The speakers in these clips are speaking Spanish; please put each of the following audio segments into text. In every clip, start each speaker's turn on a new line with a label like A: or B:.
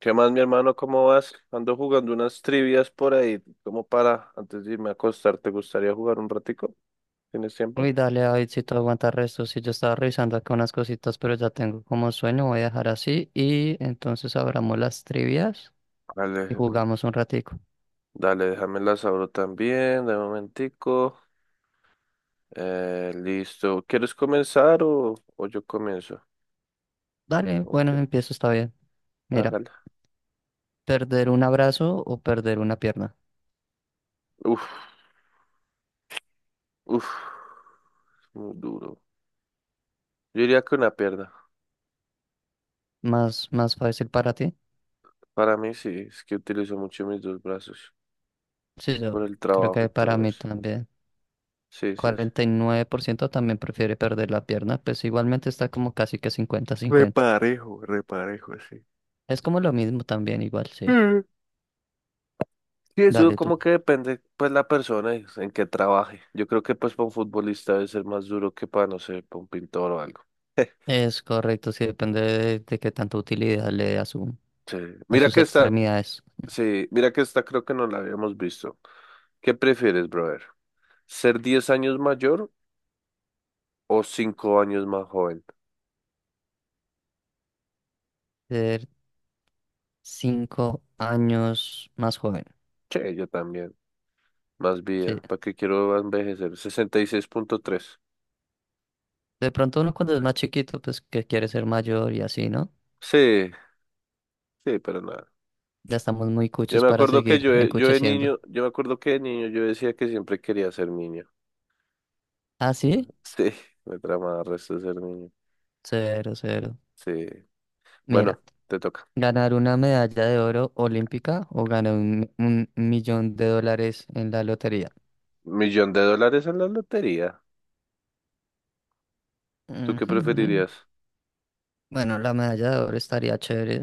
A: ¿Qué más, mi hermano? ¿Cómo vas? Ando jugando unas trivias por ahí. ¿Cómo para? Antes de irme a acostar, ¿te gustaría jugar un ratico? ¿Tienes tiempo?
B: Uy, dale, David, si tú aguantas resto, si yo estaba revisando acá unas cositas, pero ya tengo como sueño, voy a dejar así y entonces abramos las trivias y
A: Dale,
B: jugamos un ratico.
A: dale, déjame las abro también, de momentico. Listo. ¿Quieres comenzar o yo comienzo?
B: Dale, bueno,
A: Ok,
B: empiezo, está bien. Mira,
A: hágala.
B: perder un abrazo o perder una pierna.
A: Uf, uf, muy duro. Yo diría que una pierna.
B: Más, más fácil para ti.
A: Para mí sí, es que utilizo mucho mis dos brazos
B: Sí,
A: por
B: yo
A: el
B: creo
A: trabajo y
B: que para
A: todo
B: mí
A: eso.
B: también.
A: Sí, sí, sí.
B: 49% también prefiere perder la pierna, pues igualmente está como casi que 50-50.
A: Reparejo, reparejo, sí.
B: Es como lo mismo también, igual, sí.
A: Sí, eso
B: Dale tú.
A: como que depende, pues, la persona y en que trabaje. Yo creo que, pues, para un futbolista debe ser más duro que para, no sé, para un pintor o algo.
B: Es correcto, sí depende de qué tanta utilidad le dé a su,
A: Sí.
B: a
A: Mira
B: sus
A: que esta,
B: extremidades.
A: sí, mira que esta creo que no la habíamos visto. ¿Qué prefieres, brother? ¿Ser 10 años mayor o 5 años más joven?
B: Ser 5 años más joven.
A: Che, yo también. Más
B: Sí.
A: vida. ¿Para qué quiero envejecer? 66,3.
B: De pronto uno cuando es más chiquito, pues que quiere ser mayor y así, ¿no?
A: Sí, sí, pero nada.
B: Ya estamos muy
A: Yo
B: cuchos
A: me
B: para
A: acuerdo que
B: seguir
A: yo de
B: encucheciendo.
A: niño, yo me acuerdo que de niño yo decía que siempre quería ser niño.
B: ¿Ah,
A: Mm,
B: sí?
A: sí, me trama el resto de ser niño.
B: Cero, cero.
A: Sí.
B: Mira,
A: Bueno, te toca.
B: ganar una medalla de oro olímpica o ganar un millón de dólares en la lotería.
A: Millón de dólares en la lotería. ¿Tú qué
B: Ujú.
A: preferirías?
B: Bueno, la medalla de oro estaría chévere.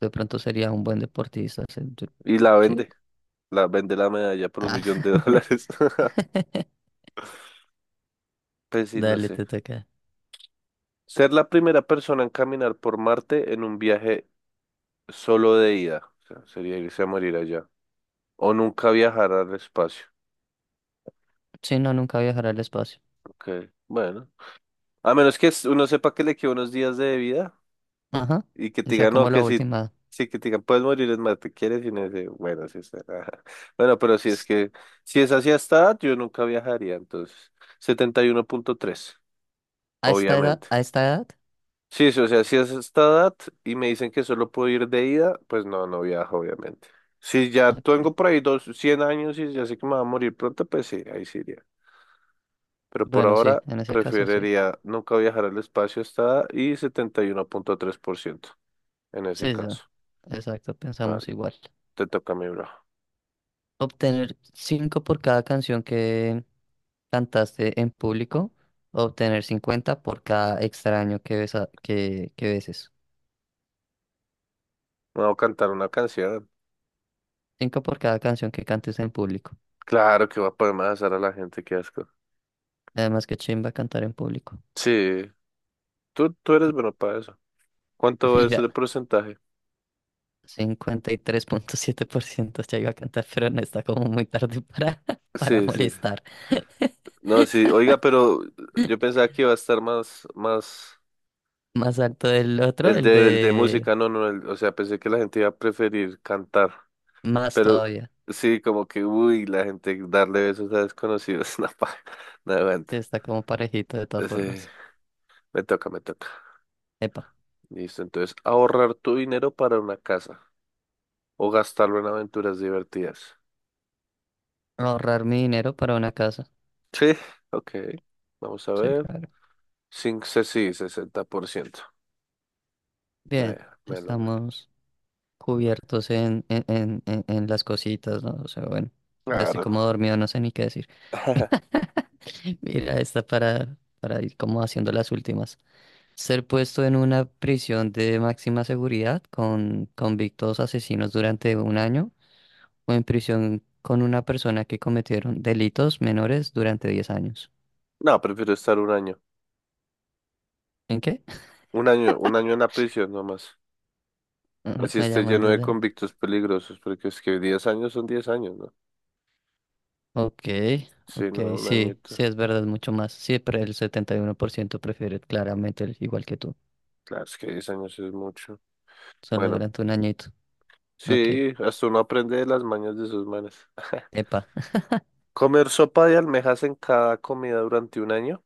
B: De pronto sería un buen deportista.
A: Y la
B: Sí.
A: vende. La vende la medalla por un
B: Ah,
A: millón de dólares. Pues sí, no
B: dale,
A: sé.
B: te toca.
A: Ser la primera persona en caminar por Marte en un viaje solo de ida. O sea, sería irse a morir allá. O nunca viajar al espacio.
B: Sí, no, nunca viajaré al espacio.
A: Ok, bueno. A menos que uno sepa que le quedan unos días de vida.
B: Ajá.
A: Y que te
B: Esa
A: diga, no,
B: como la
A: que si,
B: última.
A: sí, que te diga, puedes morir, es más, te quieres y no sé, bueno, sí está. Ajá. Bueno, pero
B: S-
A: si es así hasta edad, yo nunca viajaría, entonces, 71,3,
B: ¿A esta edad?
A: obviamente.
B: ¿A esta edad?
A: Sí, sí, o sea, si es esta edad y me dicen que solo puedo ir de ida, pues no, no viajo, obviamente. Si ya
B: Ok.
A: tengo por ahí 100 años y ya sé que me va a morir pronto, pues sí, ahí sí iría. Pero por
B: Bueno, sí,
A: ahora
B: en ese caso sí.
A: preferiría nunca viajar al espacio hasta edad y 1,3% en ese
B: Sí, sí.
A: caso.
B: Exacto, pensamos
A: Vale,
B: igual.
A: te toca a mí, bro.
B: Obtener cinco por cada canción que cantaste en público. Obtener 50 por cada extraño que beses.
A: Me voy a cantar una canción.
B: Cinco por cada canción que cantes en público.
A: Claro que va a poder hacer a la gente, qué asco.
B: Además, que chimba cantar en público.
A: Sí, tú eres bueno para eso. ¿Cuánto es
B: Mira.
A: el porcentaje?
B: 53.7% ya iba a cantar, pero no está como muy tarde para, para
A: Sí, sí, sí.
B: molestar.
A: No, sí, oiga, pero yo pensaba que iba a estar más, más
B: Más alto del otro,
A: el
B: el
A: de, el de
B: de
A: música, no, no, o sea, pensé que la gente iba a preferir cantar,
B: más
A: pero
B: todavía.
A: sí, como que, uy, la gente darle besos a desconocidos, no, pa, no aguanta.
B: Sí, está como parejito de todas
A: Sí,
B: formas.
A: me toca, me toca.
B: Epa,
A: Listo, entonces, ahorrar tu dinero para una casa o gastarlo en aventuras divertidas.
B: ahorrar mi dinero para una casa.
A: Sí, ok. Vamos a
B: Sí,
A: ver.
B: claro.
A: Sin se- sí, 60%. Me,
B: Bien,
A: melo, melo.
B: estamos cubiertos en las cositas, ¿no? O sea, bueno, ya estoy
A: Claro.
B: como dormido, no sé ni qué decir. Mira, esta para ir como haciendo las últimas. Ser puesto en una prisión de máxima seguridad con convictos asesinos durante un año o en prisión con una persona que cometieron delitos menores durante 10 años.
A: No, prefiero estar un año.
B: ¿En qué?
A: Un año, un año en la prisión nomás. Así
B: Me
A: esté
B: llaman
A: lleno de
B: desde la...
A: convictos peligrosos, porque es que 10 años son 10 años, ¿no?
B: Ok,
A: Sí,
B: ok,
A: no, un
B: sí,
A: añito.
B: sí, es verdad, mucho más. Sí, pero el 71% prefiere claramente el igual que tú,
A: Claro, es que 10 años es mucho.
B: solo
A: Bueno,
B: durante un añito. Ok,
A: sí, hasta uno aprende de las mañas de sus manes.
B: epa.
A: ¿Comer sopa de almejas en cada comida durante un año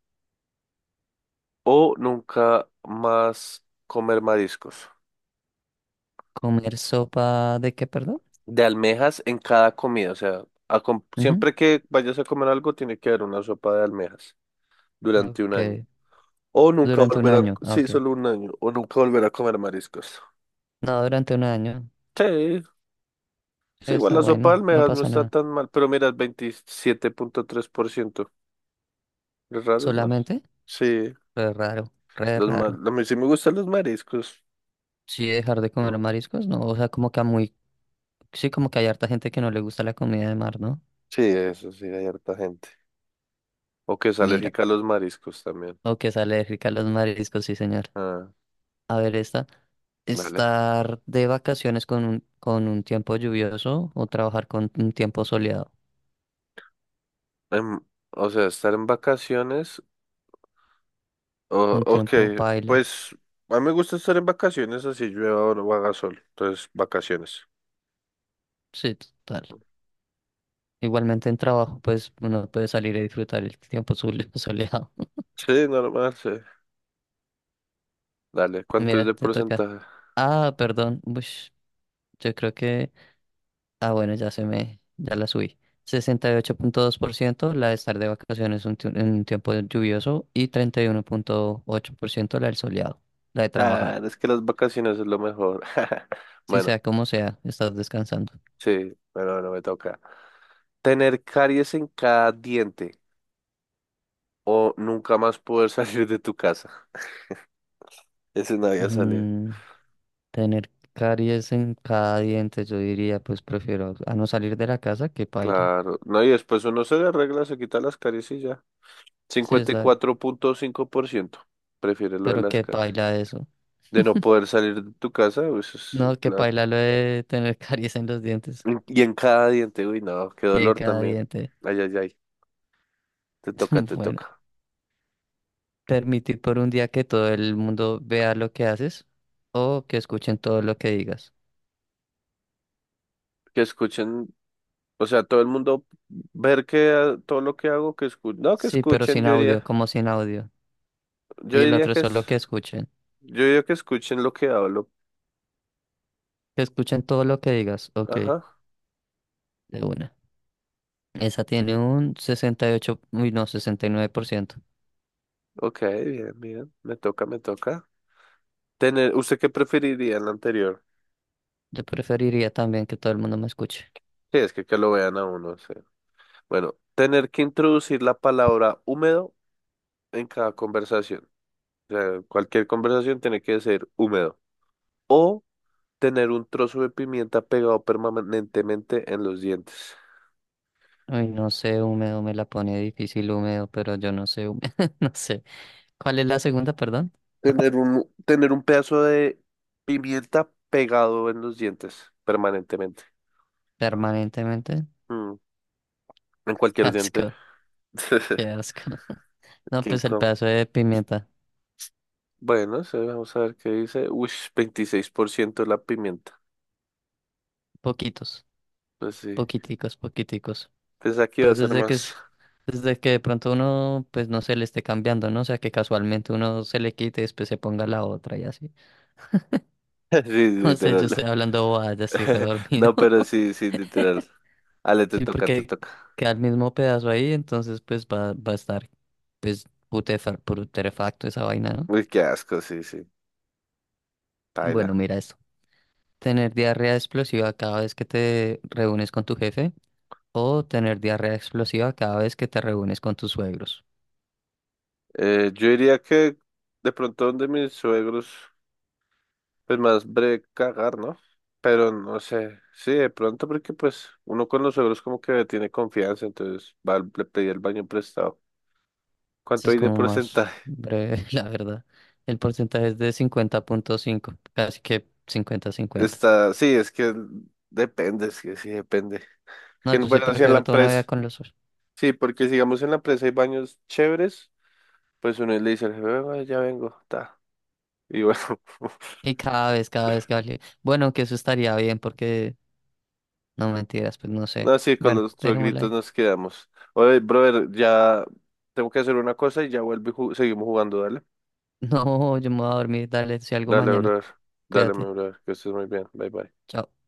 A: o nunca más comer mariscos?
B: ¿Comer sopa de qué, perdón?
A: De almejas en cada comida. O sea,
B: Ujú,
A: siempre que vayas a comer algo, tiene que haber una sopa de almejas durante un
B: ok,
A: año. O nunca
B: durante un
A: volver a,
B: año, ah,
A: sí,
B: ok.
A: solo un año, o nunca volver a comer mariscos.
B: No, durante un año.
A: Sí, sí, igual
B: Está
A: la sopa de
B: bueno, no
A: almejas no
B: pasa
A: está
B: nada.
A: tan mal, pero mira, el 27,3%. Es raro, ¿no?
B: Solamente,
A: Sí,
B: re raro, re raro.
A: a mí sí me gustan los mariscos.
B: Sí, dejar de comer
A: Mm,
B: mariscos, no. O sea, como que a muy. Sí, como que hay harta gente que no le gusta la comida de mar, ¿no?
A: sí, eso sí, hay harta gente. O que es
B: Mira.
A: alérgica a los mariscos también.
B: O que es alérgica a los mariscos, sí, señor.
A: Ah,
B: A ver, esta.
A: dale.
B: Estar de vacaciones con un tiempo lluvioso o trabajar con un tiempo soleado.
A: Em, o sea, estar en vacaciones. Oh,
B: Con
A: ok,
B: tiempo paila.
A: pues a mí me gusta estar en vacaciones, así llueva o no haga sol. Entonces, vacaciones.
B: Sí, total. Igualmente en trabajo, pues uno puede salir a disfrutar el tiempo soleado.
A: Sí, normal, sí. Dale, ¿cuánto es
B: Mira,
A: de
B: te toca.
A: porcentaje?
B: Ah, perdón. Ush, yo creo que. Ah, bueno, ya la subí. 68.2% la de estar de vacaciones un en un tiempo lluvioso y 31.8% la del soleado, la de trabajar.
A: Claro, es que las vacaciones es lo mejor.
B: Si sea
A: Bueno,
B: como sea, estás descansando.
A: sí, bueno, bueno, me toca. Tener caries en cada diente o nunca más poder salir de tu casa. Ese no había salido.
B: Mm, tener caries en cada diente, yo diría, pues prefiero a no salir de la casa que paila.
A: Claro, no, y después uno se le arregla, se quita las caries y ya.
B: Sí,
A: cincuenta y cuatro punto cinco por ciento prefiere lo de
B: pero
A: las
B: que
A: caries.
B: paila eso.
A: De no poder salir de tu casa, pues eso es
B: No, que
A: claro.
B: paila lo de tener caries en los dientes.
A: Y en cada diente, uy, no, qué
B: Sí, en
A: dolor
B: cada
A: también.
B: diente.
A: Ay, ay, ay, te toca, te
B: Bueno.
A: toca.
B: Permitir por un día que todo el mundo vea lo que haces o que escuchen todo lo que digas.
A: Que escuchen, o sea, todo el mundo ver que ah, todo lo que hago, que escuchen, no, que
B: Sí, pero
A: escuchen,
B: sin
A: yo
B: audio,
A: diría,
B: como sin audio.
A: yo
B: Y el
A: diría
B: otro es
A: que es,
B: solo que escuchen.
A: yo diría que escuchen lo que hablo.
B: Que escuchen todo lo que digas. Ok,
A: Ajá,
B: de una. Esa tiene un 68, uy no, 69%.
A: ok, bien, bien, me toca, me toca. ¿Usted qué preferiría en la anterior?
B: Yo preferiría también que todo el mundo me escuche.
A: Sí, es que lo vean a uno, sí. Bueno, tener que introducir la palabra húmedo en cada conversación. O sea, cualquier conversación tiene que ser húmedo. O tener un trozo de pimienta pegado permanentemente en los dientes.
B: Uy, no sé, húmedo me la pone difícil, húmedo, pero yo no sé, húmedo, no sé. ¿Cuál es la segunda, perdón?
A: Tener un pedazo de pimienta pegado en los dientes permanentemente.
B: Permanentemente.
A: Mm, en
B: Qué
A: cualquier diente.
B: asco, qué asco. No,
A: Qué
B: pues el
A: incómodo.
B: pedazo de pimienta.
A: Bueno, sí, vamos a ver qué dice. Uy, 26% la pimienta.
B: Poquitos.
A: Pues sí.
B: Poquiticos, poquiticos.
A: Pensé que va
B: Pues
A: a ser más.
B: desde que de pronto uno, pues no se le esté cambiando, ¿no? O sea, que casualmente uno se le quite y después se ponga la otra y así.
A: Sí,
B: No sé, yo estoy
A: literal.
B: hablando bobadas, ya estoy redormido.
A: No, pero sí, sí, literal. Ale, te
B: Sí,
A: toca, te
B: porque
A: toca.
B: queda el mismo pedazo ahí, entonces pues va, a estar, pues, putrefacto esa vaina, ¿no?
A: Uy, qué asco, sí, sí. Paila.
B: Bueno, mira esto. Tener diarrea explosiva cada vez que te reúnes con tu jefe o tener diarrea explosiva cada vez que te reúnes con tus suegros.
A: Yo diría que de pronto donde mis suegros, pues más breve cagar, ¿no? Pero no sé, sí, de pronto porque pues uno con los suegros como que tiene confianza, entonces va, le pedí el baño prestado.
B: Sí,
A: ¿Cuánto
B: es
A: hay de
B: como más
A: porcentaje?
B: breve, la verdad. El porcentaje es de 50.5, casi que cincuenta cincuenta.
A: Sí, es que depende, es que sí depende.
B: No,
A: Que
B: yo sí
A: bueno, si en la
B: prefiero toda una
A: empresa,
B: vida con los ojos.
A: sí, porque sigamos en la empresa hay baños chéveres, pues uno le dice al jefe, "Ay, ya vengo, ta. Y bueno.
B: Y cada vez que vale. Bueno, que eso estaría bien porque, no mentiras, pues no sé.
A: No, sí, con
B: Bueno,
A: los
B: dejémosla
A: gritos
B: ahí.
A: nos quedamos. Oye, brother, ya tengo que hacer una cosa y ya vuelvo y seguimos jugando, dale.
B: No, yo me voy a dormir. Dale, si algo
A: Dale,
B: mañana.
A: brother. Dale, mi
B: Cuídate.
A: brother, que estés muy bien. Bye, bye.
B: Chao.